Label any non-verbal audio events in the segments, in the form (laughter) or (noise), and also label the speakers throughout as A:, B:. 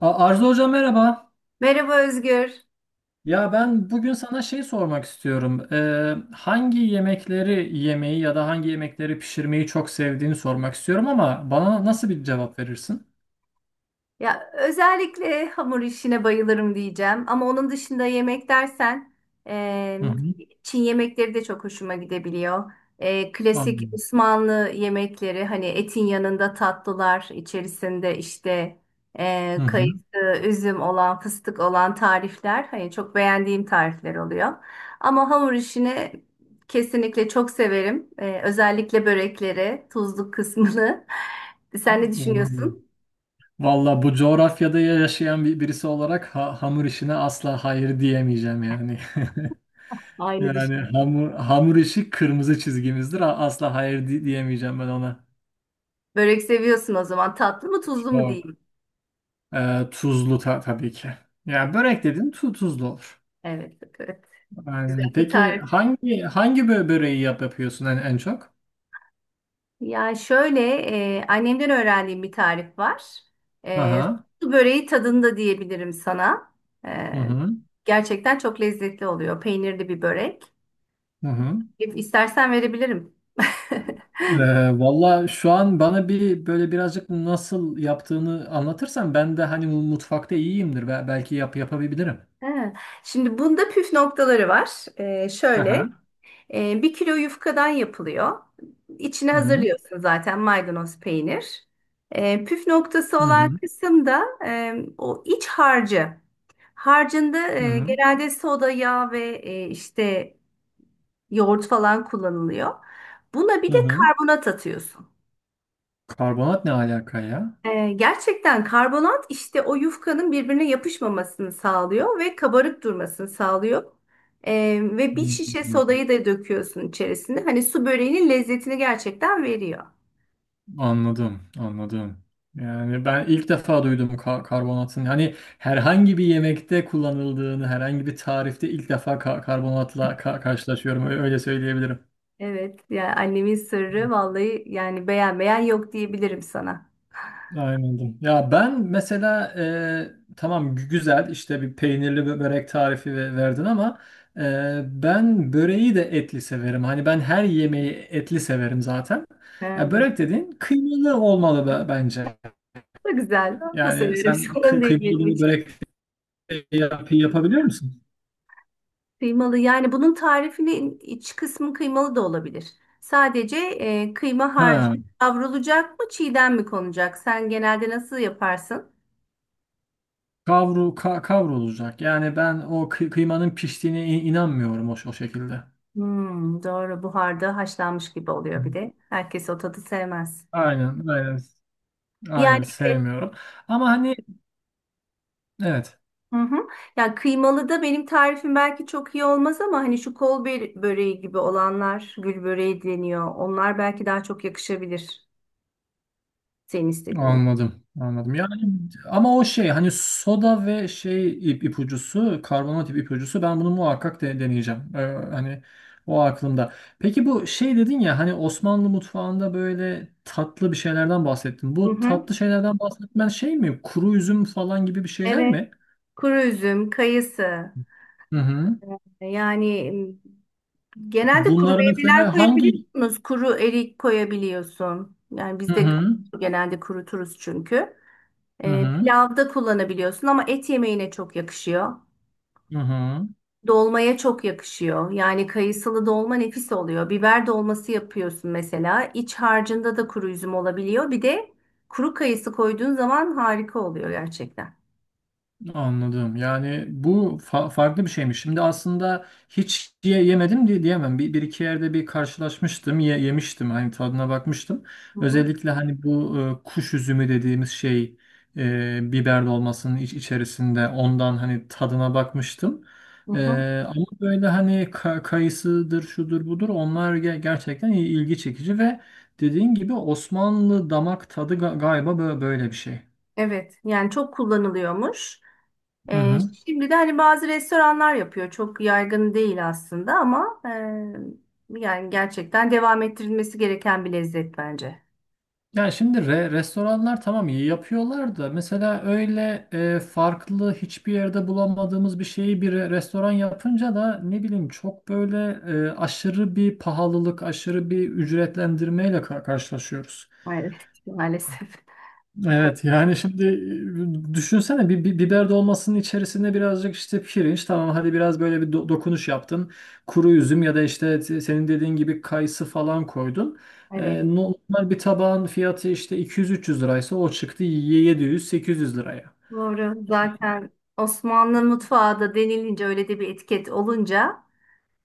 A: Arzu Hoca merhaba.
B: Merhaba Özgür.
A: Ya ben bugün sana şey sormak istiyorum. Hangi yemekleri yemeyi ya da hangi yemekleri pişirmeyi çok sevdiğini sormak istiyorum ama bana nasıl bir cevap verirsin?
B: Ya özellikle hamur işine bayılırım diyeceğim. Ama onun dışında yemek dersen e,
A: Hı hı.
B: Çin yemekleri de çok hoşuma gidebiliyor. Klasik
A: Anladım.
B: Osmanlı yemekleri hani etin yanında tatlılar içerisinde işte
A: Hı
B: kayısı,
A: hı.
B: üzüm olan, fıstık olan tarifler hani çok beğendiğim tarifler oluyor. Ama hamur işini kesinlikle çok severim. Özellikle börekleri, tuzluk kısmını. (laughs) Sen ne
A: Vallahi
B: düşünüyorsun?
A: Vallahi bu coğrafyada yaşayan bir birisi olarak hamur işine asla hayır diyemeyeceğim yani. (laughs)
B: Aynı
A: Yani
B: düşünüyorum.
A: hamur işi kırmızı çizgimizdir. Asla hayır diyemeyeceğim ben ona.
B: Börek seviyorsun o zaman. Tatlı mı tuzlu mu diyeyim.
A: Tuzlu tabii ki. Ya börek dedin tuzlu olur.
B: Evet, evet. Güzel
A: Aynen.
B: bir
A: Peki
B: tarif.
A: hangi böreği yapıyorsun en, en çok?
B: Yani şöyle annemden öğrendiğim bir tarif var. E,
A: Aha.
B: Su böreği tadında diyebilirim sana. E,
A: Hı hı.
B: Gerçekten çok lezzetli oluyor. Peynirli bir börek.
A: Hı hı.
B: İstersen verebilirim. (laughs)
A: Valla şu an bana bir böyle birazcık nasıl yaptığını anlatırsan ben de hani mutfakta iyiyimdir. Belki yapabilirim.
B: Ha, Şimdi bunda püf noktaları var. E,
A: Aha.
B: şöyle. 1 kilo yufkadan yapılıyor. İçine
A: Hı hı.
B: hazırlıyorsun zaten maydanoz peynir. Püf noktası
A: Hı
B: olan
A: hı.
B: kısım da o iç harcı. Harcında
A: Hı hı.
B: genelde soda, yağ ve işte yoğurt falan kullanılıyor. Buna
A: Hı
B: bir de
A: hı.
B: karbonat atıyorsun.
A: Karbonat ne alaka ya?
B: Gerçekten karbonat işte o yufkanın birbirine yapışmamasını sağlıyor ve kabarık durmasını sağlıyor. Ve
A: Hı
B: bir şişe
A: hı.
B: sodayı da döküyorsun içerisine. Hani su böreğinin lezzetini gerçekten veriyor.
A: Anladım, anladım. Yani ben ilk defa duydum karbonatın. Hani herhangi bir yemekte kullanıldığını, herhangi bir tarifte ilk defa karbonatla karşılaşıyorum. Öyle söyleyebilirim.
B: Evet, yani annemin sırrı vallahi yani beğenmeyen yok diyebilirim sana. (laughs)
A: Aynen. Ya ben mesela tamam güzel işte bir peynirli börek tarifi verdin ama e, ben böreği de etli severim. Hani ben her yemeği etli severim zaten. Ya
B: Evet.
A: börek dediğin kıymalı olmalı bence.
B: Çok güzel. Ben de
A: Yani
B: severim. (laughs)
A: sen
B: Sorun değil
A: kıymalı
B: benim
A: bir
B: için.
A: börek yapabiliyor musun?
B: Kıymalı yani bunun tarifinin iç kısmı kıymalı da olabilir. Sadece kıyma harcı
A: Ha,
B: kavrulacak mı çiğden mi konacak? Sen genelde nasıl yaparsın?
A: kavrulacak. Yani ben o kıymanın piştiğine inanmıyorum o şekilde.
B: Hmm, doğru, buharda haşlanmış gibi oluyor bir de. Herkes o tadı sevmez.
A: Aynen, aynen, aynen
B: Yani evet.
A: sevmiyorum. Ama hani evet.
B: Hı hı. Yani kıymalı da benim tarifim belki çok iyi olmaz ama hani şu böreği gibi olanlar, gül böreği deniyor. Onlar belki daha çok yakışabilir. Senin istediğin.
A: Anladım, anladım. Yani ama o şey hani soda ve şey ipucusu, karbonat ipucusu ben bunu muhakkak deneyeceğim. Hani o aklımda. Peki bu şey dedin ya hani Osmanlı mutfağında böyle tatlı bir şeylerden bahsettin.
B: Hı
A: Bu
B: hı.
A: tatlı şeylerden bahsetmen şey mi? Kuru üzüm falan gibi bir şeyler
B: Evet.
A: mi?
B: Kuru üzüm, kayısı.
A: Hı hı.
B: Ee, Yani m, genelde kuru
A: Bunları
B: meyveler
A: mesela hangi.
B: koyabiliyorsunuz. Kuru erik koyabiliyorsun. Yani
A: Hı
B: biz de
A: hı.
B: genelde kuruturuz çünkü.
A: Hı hı.
B: Pilavda kullanabiliyorsun ama et yemeğine çok yakışıyor.
A: Hı hı.
B: Dolmaya çok yakışıyor. Yani kayısılı dolma nefis oluyor. Biber dolması yapıyorsun mesela. İç harcında da kuru üzüm olabiliyor. Bir de kuru kayısı koyduğun zaman harika oluyor gerçekten.
A: Anladım. Yani bu farklı bir şeymiş. Şimdi aslında hiç yemedim diye diyemem. Bir, bir iki yerde bir karşılaşmıştım, yemiştim. Hani tadına bakmıştım.
B: Hı hı.
A: Özellikle hani bu kuş üzümü dediğimiz şey biber dolmasının içerisinde ondan hani tadına bakmıştım.
B: Hı
A: E,
B: hı.
A: ama böyle hani kayısıdır, şudur budur onlar gerçekten ilgi çekici ve dediğin gibi Osmanlı damak tadı galiba böyle bir şey.
B: Evet, yani çok kullanılıyormuş.
A: Hı
B: Ee,
A: hı.
B: Şimdi de hani bazı restoranlar yapıyor. Çok yaygın değil aslında ama yani gerçekten devam ettirilmesi gereken bir lezzet bence.
A: Ya şimdi restoranlar tamam iyi yapıyorlar da mesela öyle farklı hiçbir yerde bulamadığımız bir şeyi bir restoran yapınca da ne bileyim çok böyle aşırı bir pahalılık, aşırı bir ücretlendirmeyle karşılaşıyoruz.
B: Maalesef. Maalesef.
A: Evet yani şimdi düşünsene bir, bir biber dolmasının içerisine birazcık işte pirinç tamam hadi biraz böyle bir dokunuş yaptın. Kuru üzüm ya da işte senin dediğin gibi kayısı falan koydun.
B: (laughs) Evet.
A: Normal bir tabağın fiyatı işte 200-300 liraysa o çıktı 700-800 liraya.
B: Doğru. Zaten Osmanlı mutfağı da denilince öyle de bir etiket olunca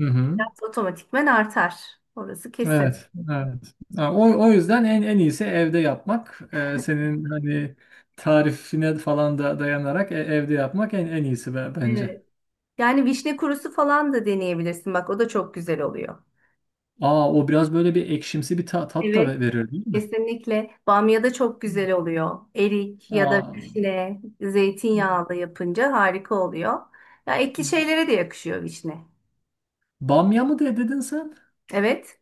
A: Hı hı.
B: biraz otomatikmen artar. Orası kesin.
A: Evet, evet. Ha, o yüzden en en iyisi evde yapmak. E, senin hani tarifine falan da dayanarak evde yapmak en en iyisi bence.
B: Evet. Yani vişne kurusu falan da deneyebilirsin. Bak o da çok güzel oluyor.
A: Aa o biraz böyle bir ekşimsi bir tat da
B: Evet.
A: verir değil mi?
B: Kesinlikle. Bamya da çok güzel oluyor. Erik ya da
A: Aa,
B: vişne,
A: hmm.
B: zeytinyağlı yapınca harika oluyor. Ya ekli şeylere de yakışıyor vişne.
A: Bamya mı dedin sen?
B: Evet.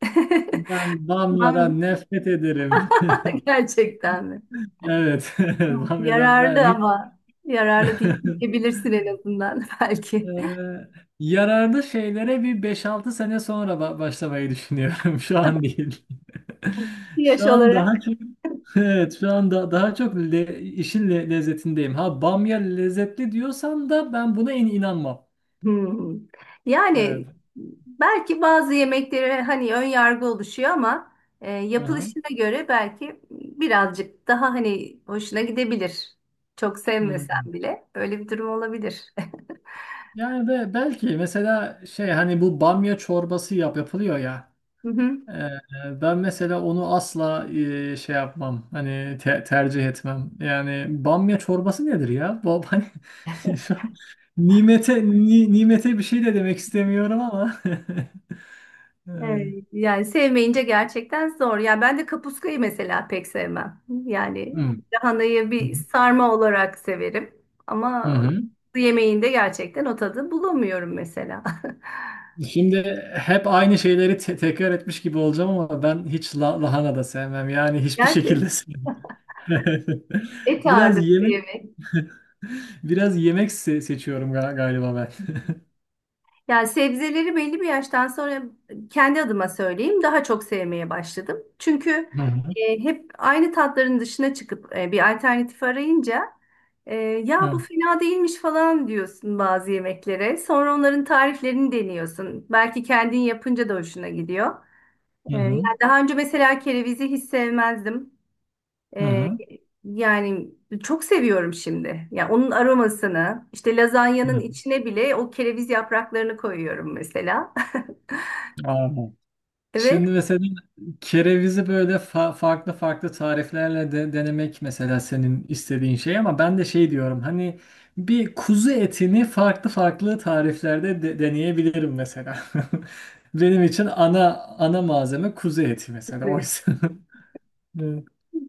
B: (laughs)
A: Ben
B: Bamya
A: bamyadan nefret ederim. (laughs)
B: (laughs) gerçekten mi?
A: Evet, (laughs)
B: Tamam.
A: bamyadan ben
B: Yararlı
A: hiç.
B: ama yararlı değil
A: (laughs)
B: diyebilirsin en azından (laughs) belki.
A: Eee, yararlı şeylere bir beş altı sene sonra başlamayı düşünüyorum. (laughs) Şu an değil. (laughs)
B: Yaş
A: Şu an daha
B: olarak.
A: çok. (laughs) Evet, şu anda daha çok işin lezzetindeyim. Ha bamya lezzetli diyorsan da ben buna in inanmam.
B: Hmm.
A: Evet.
B: Yani belki bazı yemeklere hani ön yargı oluşuyor ama yapılışına göre belki birazcık daha hani hoşuna gidebilir. Çok sevmesen
A: Hmm.
B: bile öyle bir durum olabilir.
A: Yani be, belki mesela şey hani bu bamya çorbası yapılıyor ya.
B: (laughs)
A: Ee, ben mesela onu asla şey yapmam. Hani tercih etmem. Yani bamya çorbası nedir ya? Bu hani (laughs) şu an nimete nimete bir şey de demek istemiyorum ama. (laughs) Evet.
B: Evet, yani sevmeyince gerçekten zor. Yani ben de kapuskayı mesela pek sevmem. Yani
A: Hmm.
B: lahanayı bir sarma olarak severim
A: Hı
B: ama
A: hı.
B: yemeğinde gerçekten o tadı bulamıyorum mesela.
A: Şimdi hep aynı şeyleri tekrar etmiş gibi olacağım ama ben hiç lahana da sevmem. Yani
B: (laughs)
A: hiçbir
B: Gerçek
A: şekilde sevmem. (laughs)
B: et
A: Biraz
B: ağırlıklı
A: yemek
B: yemek.
A: Biraz yemek seçiyorum galiba ben. (laughs)
B: Yani sebzeleri belli bir yaştan sonra kendi adıma söyleyeyim daha çok sevmeye başladım. Çünkü
A: Hı hı.
B: hep aynı tatların dışına çıkıp bir alternatif arayınca ya bu
A: Evet.
B: fena değilmiş falan diyorsun bazı yemeklere. Sonra onların tariflerini deniyorsun. Belki kendin yapınca da hoşuna gidiyor.
A: Hı
B: Yani
A: hı.
B: daha önce mesela kerevizi hiç sevmezdim.
A: Hı
B: Ee,
A: hı.
B: Yani çok seviyorum şimdi. Ya onun aromasını, işte lazanyanın
A: Hı.
B: içine bile o kereviz yapraklarını koyuyorum mesela. (laughs)
A: Aa.
B: Evet.
A: Şimdi mesela kerevizi böyle farklı farklı tariflerle de denemek mesela senin istediğin şey ama ben de şey diyorum hani bir kuzu etini farklı farklı tariflerde deneyebilirim mesela. (laughs) Benim için ana malzeme kuzu eti mesela oysa. (laughs) Evet.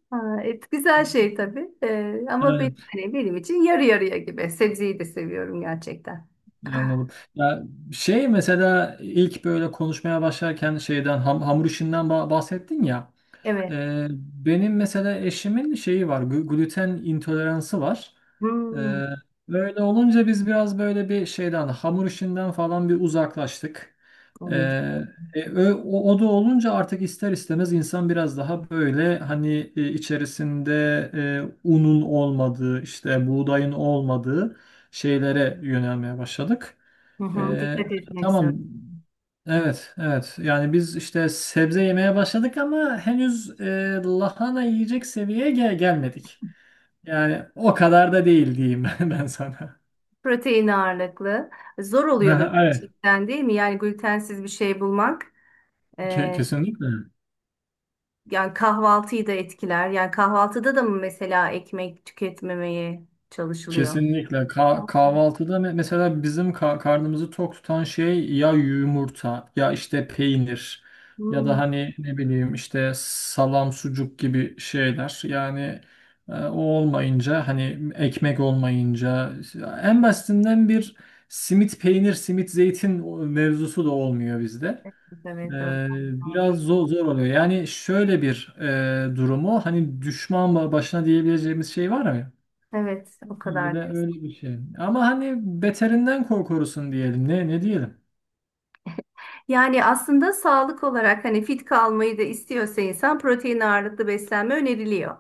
B: Ha, et güzel şey tabii. Ama benim,
A: Aynen.
B: hani benim için yarı yarıya gibi. Sebzeyi de seviyorum gerçekten.
A: Anladım. Ya şey mesela ilk böyle konuşmaya başlarken şeyden hamur işinden bahsettin ya.
B: Evet.
A: Ee, benim mesela eşimin şeyi var, gluten intoleransı var.
B: Hmm.
A: Ee, böyle olunca biz biraz böyle bir şeyden hamur işinden falan bir uzaklaştık. Ee,
B: Evet.
A: o da olunca artık ister istemez insan biraz daha böyle hani içerisinde unun olmadığı, işte buğdayın olmadığı şeylere yönelmeye başladık.
B: Hı hı,
A: Ee,
B: dikkat etmek zor.
A: tamam. Evet, evet. Yani biz işte sebze yemeye başladık ama henüz lahana yiyecek seviyeye gelmedik. Yani o kadar da değil diyeyim (laughs) ben sana.
B: Protein ağırlıklı. Zor oluyordur
A: Aha, evet,
B: gerçekten değil mi? Yani glutensiz bir şey bulmak.
A: kesinlikle.
B: Yani kahvaltıyı da etkiler. Yani kahvaltıda da mı mesela ekmek tüketmemeye çalışılıyor?
A: Kesinlikle. Kahvaltıda mesela bizim karnımızı tok tutan şey ya yumurta ya işte peynir ya da
B: Hmm,
A: hani ne bileyim işte salam sucuk gibi şeyler. Yani o olmayınca hani ekmek olmayınca en basitinden bir simit zeytin mevzusu da olmuyor bizde.
B: evet, evet, o
A: Ee, biraz
B: kadar.
A: zor, zor oluyor. Yani şöyle bir durumu hani düşman başına diyebileceğimiz şey var mı?
B: Evet, o
A: Öyle
B: kadar. Diyorsun.
A: öyle bir şey. Ama hani beterinden korkurusun diyelim. Ne diyelim?
B: Yani aslında sağlık olarak hani fit kalmayı da istiyorsa insan protein ağırlıklı beslenme öneriliyor.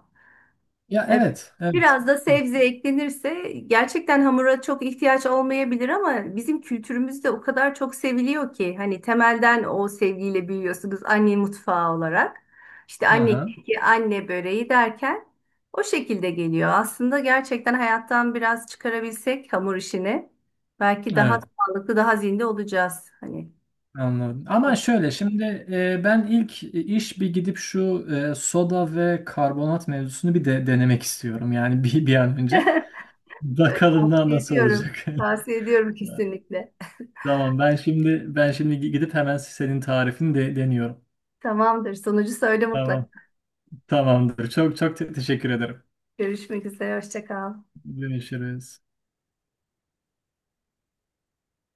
A: Ya
B: E,
A: evet, evet.
B: Biraz da
A: Hı,
B: sebze eklenirse gerçekten hamura çok ihtiyaç olmayabilir ama bizim kültürümüzde o kadar çok seviliyor ki hani temelden o sevgiyle büyüyorsunuz anne mutfağı olarak. İşte anne
A: aha,
B: keki, anne böreği derken o şekilde geliyor. Aslında gerçekten hayattan biraz çıkarabilsek hamur işini belki daha
A: evet
B: sağlıklı, daha zinde olacağız. Hani
A: anladım. Ama
B: o-
A: şöyle şimdi ben ilk iş bir gidip şu soda ve karbonat mevzusunu bir de denemek istiyorum. Yani bir an önce.
B: evet,
A: Bakalım da
B: tavsiye
A: nasıl
B: ediyorum.
A: olacak. (laughs)
B: Tavsiye ediyorum kesinlikle.
A: Tamam ben şimdi gidip hemen senin tarifini de deniyorum.
B: Tamamdır. Sonucu söyle mutlak.
A: Tamam. Tamamdır. Çok teşekkür ederim.
B: Görüşmek üzere. Hoşça kal.
A: Görüşürüz.